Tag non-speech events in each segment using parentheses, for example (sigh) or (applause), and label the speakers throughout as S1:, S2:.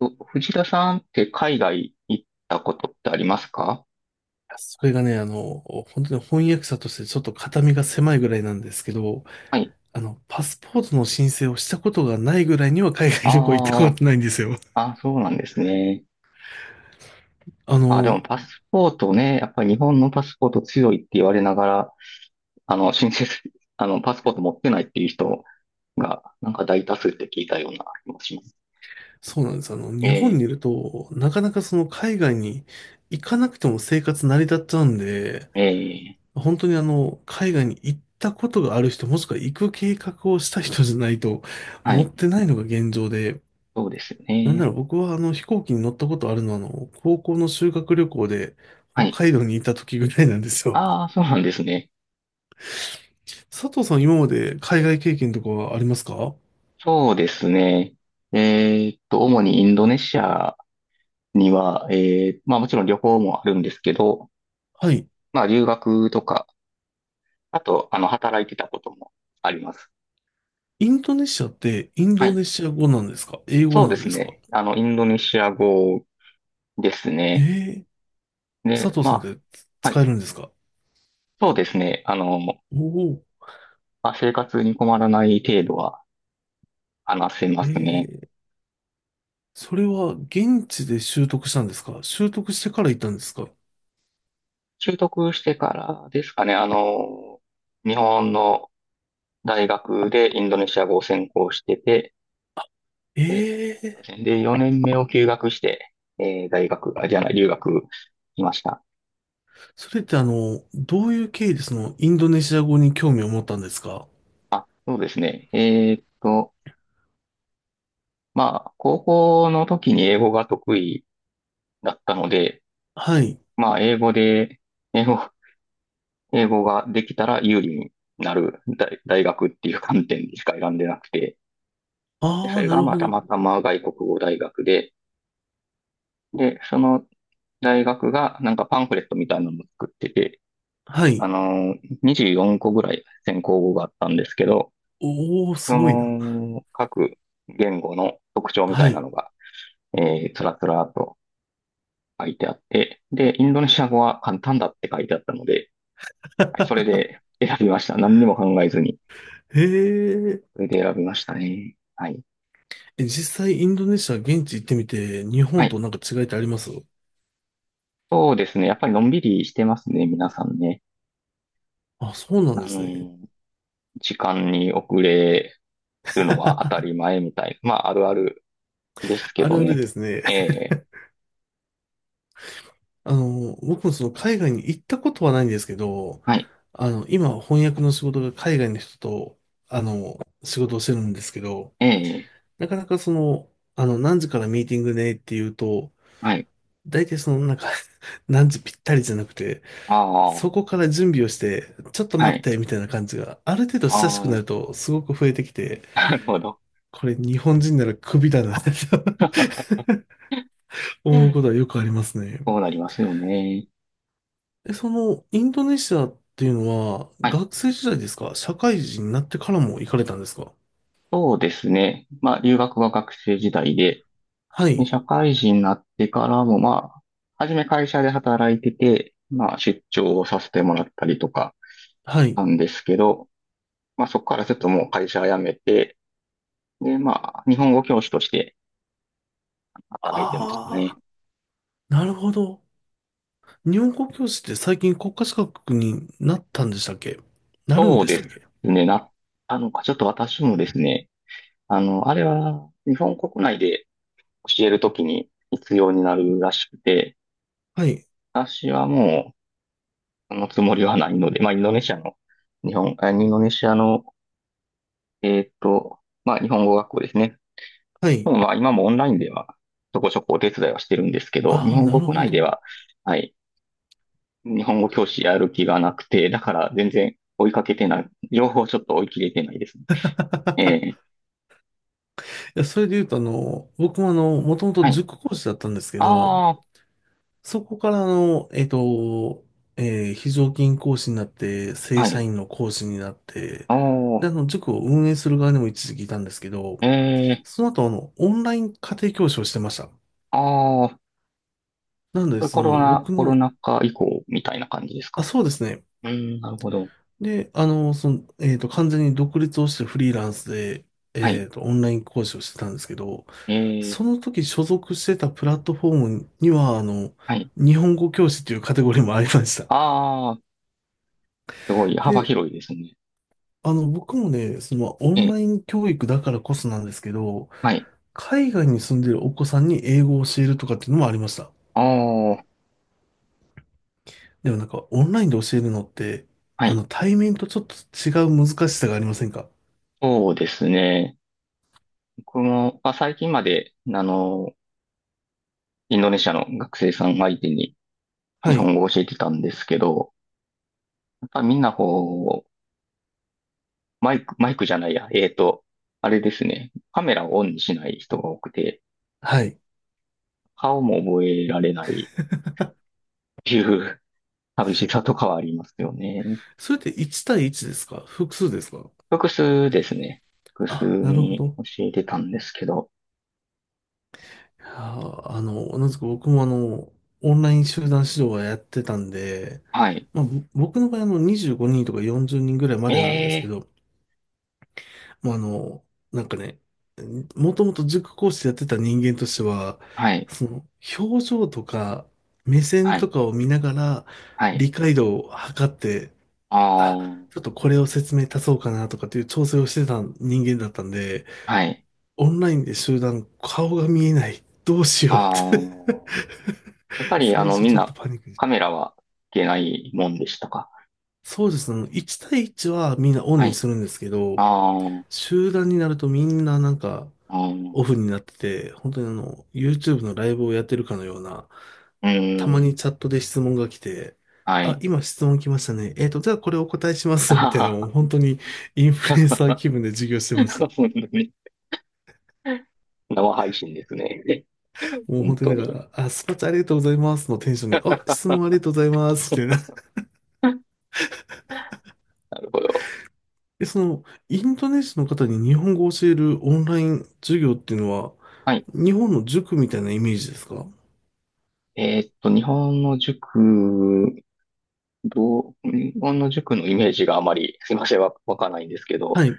S1: と、藤田さんって海外行ったことってありますか？
S2: それがね、本当に翻訳者としてちょっと肩身が狭いぐらいなんですけど、
S1: はい。
S2: パスポートの申請をしたことがないぐらいには海外旅行行ったこ
S1: あ
S2: とないんですよ。(laughs)
S1: あ、あ、そうなんですね。
S2: あ
S1: あ、で
S2: の、
S1: もパスポートね、やっぱり日本のパスポート強いって言われながら、あの、申請す、(laughs) パスポート持ってないっていう人が、なんか大多数って聞いたような気もします。
S2: そうなんです。日本にい
S1: え
S2: ると、なかなかその海外に行かなくても生活成り立っちゃうんで、
S1: ー、えー、
S2: 本当に海外に行ったことがある人、もしくは行く計画をした人じゃないと、
S1: は
S2: 持っ
S1: い。
S2: てないのが現状で、
S1: そうですよ
S2: なんだ
S1: ね。
S2: ろう、僕はあの飛行機に乗ったことあるのは、高校の修学旅行で
S1: は
S2: 北
S1: い。
S2: 海道にいた時ぐらいなんですよ。
S1: ああ、そうなんですね。
S2: (laughs) 佐藤さん、今まで海外経験とかはありますか？
S1: そうですね。主にインドネシアには、まあもちろん旅行もあるんですけど、
S2: はい。
S1: まあ、留学とか、あと、働いてたこともあります。
S2: インドネシアってイン
S1: は
S2: ド
S1: い。
S2: ネシア語なんですか、英語
S1: そう
S2: な
S1: で
S2: ん
S1: す
S2: ですか？
S1: ね。インドネシア語です
S2: え
S1: ね。
S2: えー、
S1: で、
S2: 佐藤
S1: ま
S2: さんって
S1: あ、は
S2: 使
S1: い。
S2: えるんですか？
S1: そうですね。ま
S2: おお
S1: あ、生活に困らない程度は話せま
S2: ー、
S1: すね。
S2: ええー、それは現地で習得したんですか、習得してから行ったんですか？
S1: 習得してからですかね。日本の大学でインドネシア語を専攻してて、で、
S2: ええ
S1: そうですね。で、4年目を休学して、大学、あ、じゃない、留学しました。
S2: ー、それってどういう経緯でそのインドネシア語に興味を持ったんですか？
S1: そうですね。まあ、高校の時に英語が得意だったので、
S2: はい。
S1: まあ、英語、英語ができたら有利になる大学っていう観点でしか選んでなくて、で、
S2: あ
S1: そ
S2: あ、
S1: れ
S2: な
S1: が
S2: る
S1: まあ、
S2: ほ
S1: た
S2: ど。
S1: またま外国語大学で、で、その大学がなんかパンフレットみたいなのを作ってて、
S2: は
S1: あ
S2: い。
S1: のー、24個ぐらい専攻語があったんですけど、
S2: おお、す
S1: そ
S2: ごいな。
S1: の、各言語の特徴みた
S2: は
S1: いな
S2: い。
S1: のが、つらつらと書いてあって、で、インドネシア語は簡単だって書いてあったので、はい、それ
S2: (laughs)
S1: で選びました。何にも考えずに。
S2: へえ。
S1: それで選びましたね。はい。
S2: え、実際、インドネシア現地行ってみて、日
S1: は
S2: 本
S1: い。
S2: となんか違いってあります？
S1: そうですね。やっぱりのんびりしてますね、皆さんね。
S2: あ、そうなん
S1: あ
S2: ですね。
S1: の、時間に遅れるのは当た
S2: (laughs)
S1: り前みたい。まあ、あるあるですけ
S2: あ
S1: ど
S2: るある
S1: ね。
S2: ですね。
S1: ええ、
S2: (laughs) 僕もその海外に行ったことはないんですけど、
S1: はい。
S2: 今翻訳の仕事が海外の人と、あの、仕事をしてるんですけど、
S1: ええ、
S2: なかなかその、何時からミーティングねっていうと、
S1: はい。
S2: 大体その、なんか (laughs) 何時ぴったりじゃなくて、
S1: ああ、
S2: そこから準備をして、ちょっと
S1: は
S2: 待っ
S1: い。
S2: て、みたいな感じが、ある程度親しく
S1: あ
S2: なると、すごく増えてきて、
S1: あ、(laughs) なるほど。
S2: これ日本人ならクビだなって (laughs) 思うことはよくありますね。
S1: そうなりますよね。
S2: え、その、インドネシアっていうのは、
S1: はい。
S2: 学生時代ですか、社会人になってからも行かれたんですか？
S1: そうですね。まあ、留学は学生時代で、
S2: は
S1: で
S2: い、
S1: 社会人になってからも、まあ、初め会社で働いてて、まあ、出張をさせてもらったりとか
S2: は
S1: な
S2: い。
S1: んですけど、まあ、そこからずっともう会社辞めて、で、まあ、日本語教師として働いてました
S2: あ
S1: ね。
S2: あ、なるほど。日本語教師って最近国家資格になったんでしたっけ、なるん
S1: そう
S2: でし
S1: で
S2: たっ
S1: す
S2: け？
S1: ね。な、あの、ちょっと私もですね、あれは、日本国内で教えるときに必要になるらしくて、
S2: はい、
S1: 私はもう、そのつもりはないので、まあ、インドネシアの、日本、あインドネシアのえーっと、まあ、日本語学校ですね。
S2: は
S1: 日
S2: い。
S1: 本は今もオンラインでは、ちょこちょこお手伝いはしてるんですけど、日
S2: ああ、
S1: 本
S2: な
S1: 国
S2: るほ
S1: 内で
S2: ど。
S1: は、はい、日本語教師やる気がなくて、だから全然追いかけてない、情報をちょっと追い切れてないですね。えー、
S2: いや、それで言うと、僕ももともと
S1: はい。
S2: 塾講師だったんですけど、
S1: あ
S2: そこから非常勤講師になって、
S1: あ、
S2: 正
S1: は
S2: 社
S1: い。
S2: 員の講師になって、
S1: お
S2: で、
S1: ー、
S2: 塾を運営する側にも一時期いたんですけど、
S1: えー、
S2: その後、オンライン家庭教師をしてました。
S1: ああ、
S2: なので、
S1: これコ
S2: そ
S1: ロ
S2: の、
S1: ナ、
S2: 僕
S1: コロ
S2: の、
S1: ナ禍以降みたいな感じですか？
S2: あ、そうですね。
S1: うーん、なるほど。
S2: で、その、完全に独立をしてフリーランスで、
S1: はい。
S2: オンライン講師をしてたんですけど、
S1: え
S2: そ
S1: ー、
S2: の時所属してたプラットフォームには、
S1: はい。
S2: 日本語教師というカテゴリーもありました。
S1: ああ、すごい幅
S2: で、
S1: 広いですね。
S2: 僕もね、その、オ
S1: え
S2: ン
S1: ー、
S2: ライン教育だからこそなんですけど、
S1: はい。
S2: 海外に住んでるお子さんに英語を教えるとかっていうのもありました。
S1: ああ、
S2: でもなんか、オンラインで教えるのって、
S1: はい。
S2: 対面とちょっと違う難しさがありませんか？
S1: そうですね。僕も、まあ、最近まで、インドネシアの学生さん相手に日
S2: はい。
S1: 本語を教えてたんですけど、やっぱみんなこう、マイク、マイクじゃないや、あれですね。カメラをオンにしない人が多くて、
S2: はい。
S1: 顔も覚えられないっていう (laughs) 寂しさとかはありますよね。
S2: それって1対1ですか、複数ですか？
S1: 複数ですね。複数
S2: あ、なるほ
S1: に
S2: ど。
S1: 教えてたんですけど、
S2: いやー、同じく僕もオンライン集団指導はやってたんで、
S1: はい。
S2: まあ、僕の場合あの、25人とか40人ぐらいまでなんですけ
S1: ええ、
S2: ど、もうなんかね、もともと塾講師やってた人間としては、
S1: はい、
S2: その、表情とか、目線
S1: は
S2: と
S1: い、
S2: かを見ながら、
S1: はい、
S2: 理解度を測って、
S1: あ
S2: あ、
S1: あ、
S2: ちょっとこれを説明足そうかなとかっていう調整をしてた人間だったんで、
S1: はい、
S2: オンラインで集団、顔が見えない。どうしよ
S1: ああ、
S2: うって
S1: やっぱ
S2: (laughs)
S1: り、
S2: 最初
S1: みん
S2: ちょっと
S1: な
S2: パニックで。
S1: カメラはいけないもんでしたか？
S2: そうですね。1対1はみんなオン
S1: は
S2: に
S1: い。
S2: するんですけど、
S1: あー
S2: 集団になるとみんななんか
S1: あ
S2: オフ
S1: ー、
S2: になってて、本当にYouTube のライブをやってるかのような、
S1: う
S2: たま
S1: ー
S2: に
S1: ん、
S2: チャットで質問が来て、
S1: は
S2: あ、
S1: い。
S2: 今質問来ましたね。えっと、じゃあこれお答えしま
S1: あ
S2: す。みたいな、
S1: は
S2: もう本当にインフルエンサー
S1: は、
S2: 気分で授業して
S1: 本
S2: ました。
S1: 当に。生配信ですね。
S2: もう
S1: 本
S2: 本当
S1: 当
S2: になん
S1: に。
S2: か、あ、スパチャありがとうございますのテンションで、あ、質問ありがとうございます。みたいな。
S1: (laughs) なるほど。
S2: え、その、インドネシアの方に日本語を教えるオンライン授業っていうのは、
S1: はい。
S2: 日本の塾みたいなイメージですか？
S1: 日本の塾、日本の塾のイメージがあまり、すいません、わかんないんですけど、
S2: はい、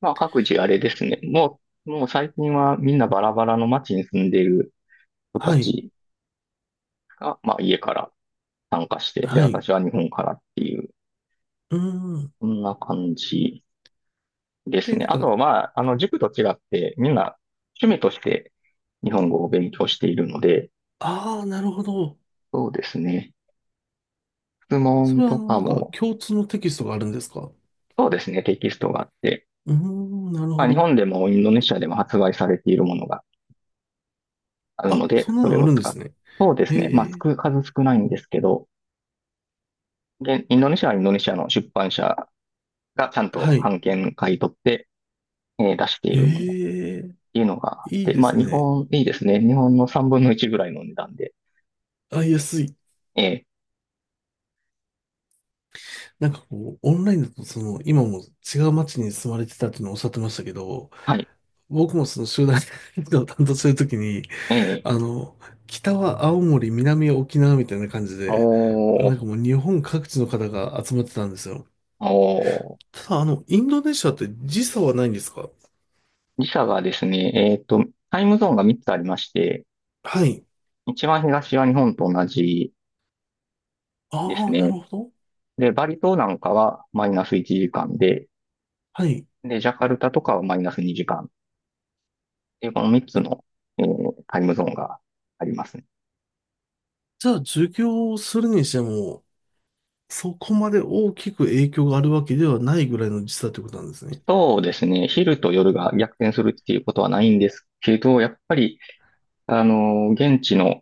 S1: まあ、各自あれですね。もう最近はみんなバラバラの街に住んでいる人た
S2: はい、
S1: ちが、まあ、家から参加して、で、
S2: はい。う
S1: 私は日本からっていう、
S2: ーん。
S1: そんな感じです
S2: で、
S1: ね。
S2: なん
S1: あ
S2: か、
S1: と、まあ、塾と違って、みんな趣味として日本語を勉強しているので、
S2: ああ、なるほど。
S1: そうですね。質
S2: そ
S1: 問
S2: れは、
S1: とか
S2: なんか、
S1: も、
S2: 共通のテキストがあるんですか？
S1: そうですね、テキストがあって、
S2: うーん、なる
S1: ま
S2: ほ
S1: あ、日
S2: ど。
S1: 本でもインドネシアでも発売されているものがある
S2: あ、
S1: ので、
S2: そんな
S1: それ
S2: のあ
S1: を
S2: るんで
S1: 使って、
S2: すね。
S1: そうで
S2: へ
S1: すね。まあ、
S2: え、
S1: 少数少ないんですけど、インドネシアはインドネシアの出版社がちゃん
S2: は
S1: と
S2: い。
S1: 版権買い取って、出しているもの
S2: へえ、
S1: いうのがあっ
S2: いい
S1: て、
S2: で
S1: まあ、
S2: す
S1: 日
S2: ね。
S1: 本、いいですね。日本の3分の1ぐらいの値段で。
S2: あ、安い。
S1: ええ、
S2: なんかこう、オンラインだと、その、今も違う街に住まれてたっていうのをおっしゃってましたけど、
S1: はい、
S2: 僕もその集団移動を担当するときに、
S1: ええ、
S2: あの、北は青森、南は沖縄みたいな感じで、
S1: お
S2: なん
S1: ー、
S2: かもう日本各地の方が集まってたんですよ。
S1: おー。
S2: ただ、インドネシアって時差はないんですか？
S1: 自社がですね、タイムゾーンが3つありまして、
S2: はい。
S1: 一番東は日本と同じです
S2: ああ、なる
S1: ね。
S2: ほど。
S1: で、バリ島なんかはマイナス1時間で、
S2: はい。
S1: で、ジャカルタとかはマイナス2時間っいうこの3つの、タイムゾーンがありますね。
S2: じゃあ、授業をするにしても、そこまで大きく影響があるわけではないぐらいの時差ということなんですね。
S1: そうですね、昼と夜が逆転するっていうことはないんですけど、やっぱり、現地の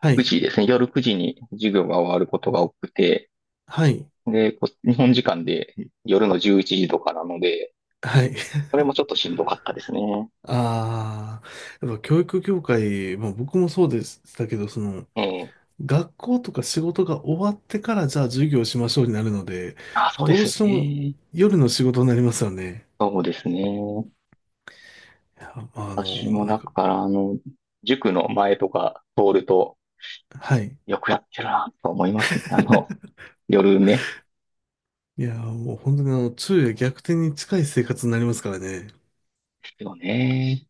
S2: は
S1: 9
S2: い。
S1: 時ですね。夜9時に授業が終わることが多くて、
S2: はい。
S1: で、日本時間で夜の11時とかなので、
S2: はい。(laughs)
S1: それもちょっとしんどかったですね。
S2: ああ、やっぱ教育業界、まあ僕もそうでしたけど、その、
S1: ええ。
S2: 学校とか仕事が終わってからじゃあ授業しましょうになるので、
S1: あ、そうで
S2: ど
S1: す
S2: う
S1: よ
S2: しても
S1: ね。
S2: 夜の仕事になりますよね。
S1: そうですね。
S2: いやあ
S1: 私
S2: の、
S1: も
S2: なん
S1: だ
S2: か
S1: か
S2: こ
S1: ら、塾の前とか通ると、
S2: う、はい。
S1: よくやってるなと思いますね。
S2: (laughs)
S1: 夜ね。
S2: いや、もう本当に昼夜逆転に近い生活になりますからね。
S1: ですよね。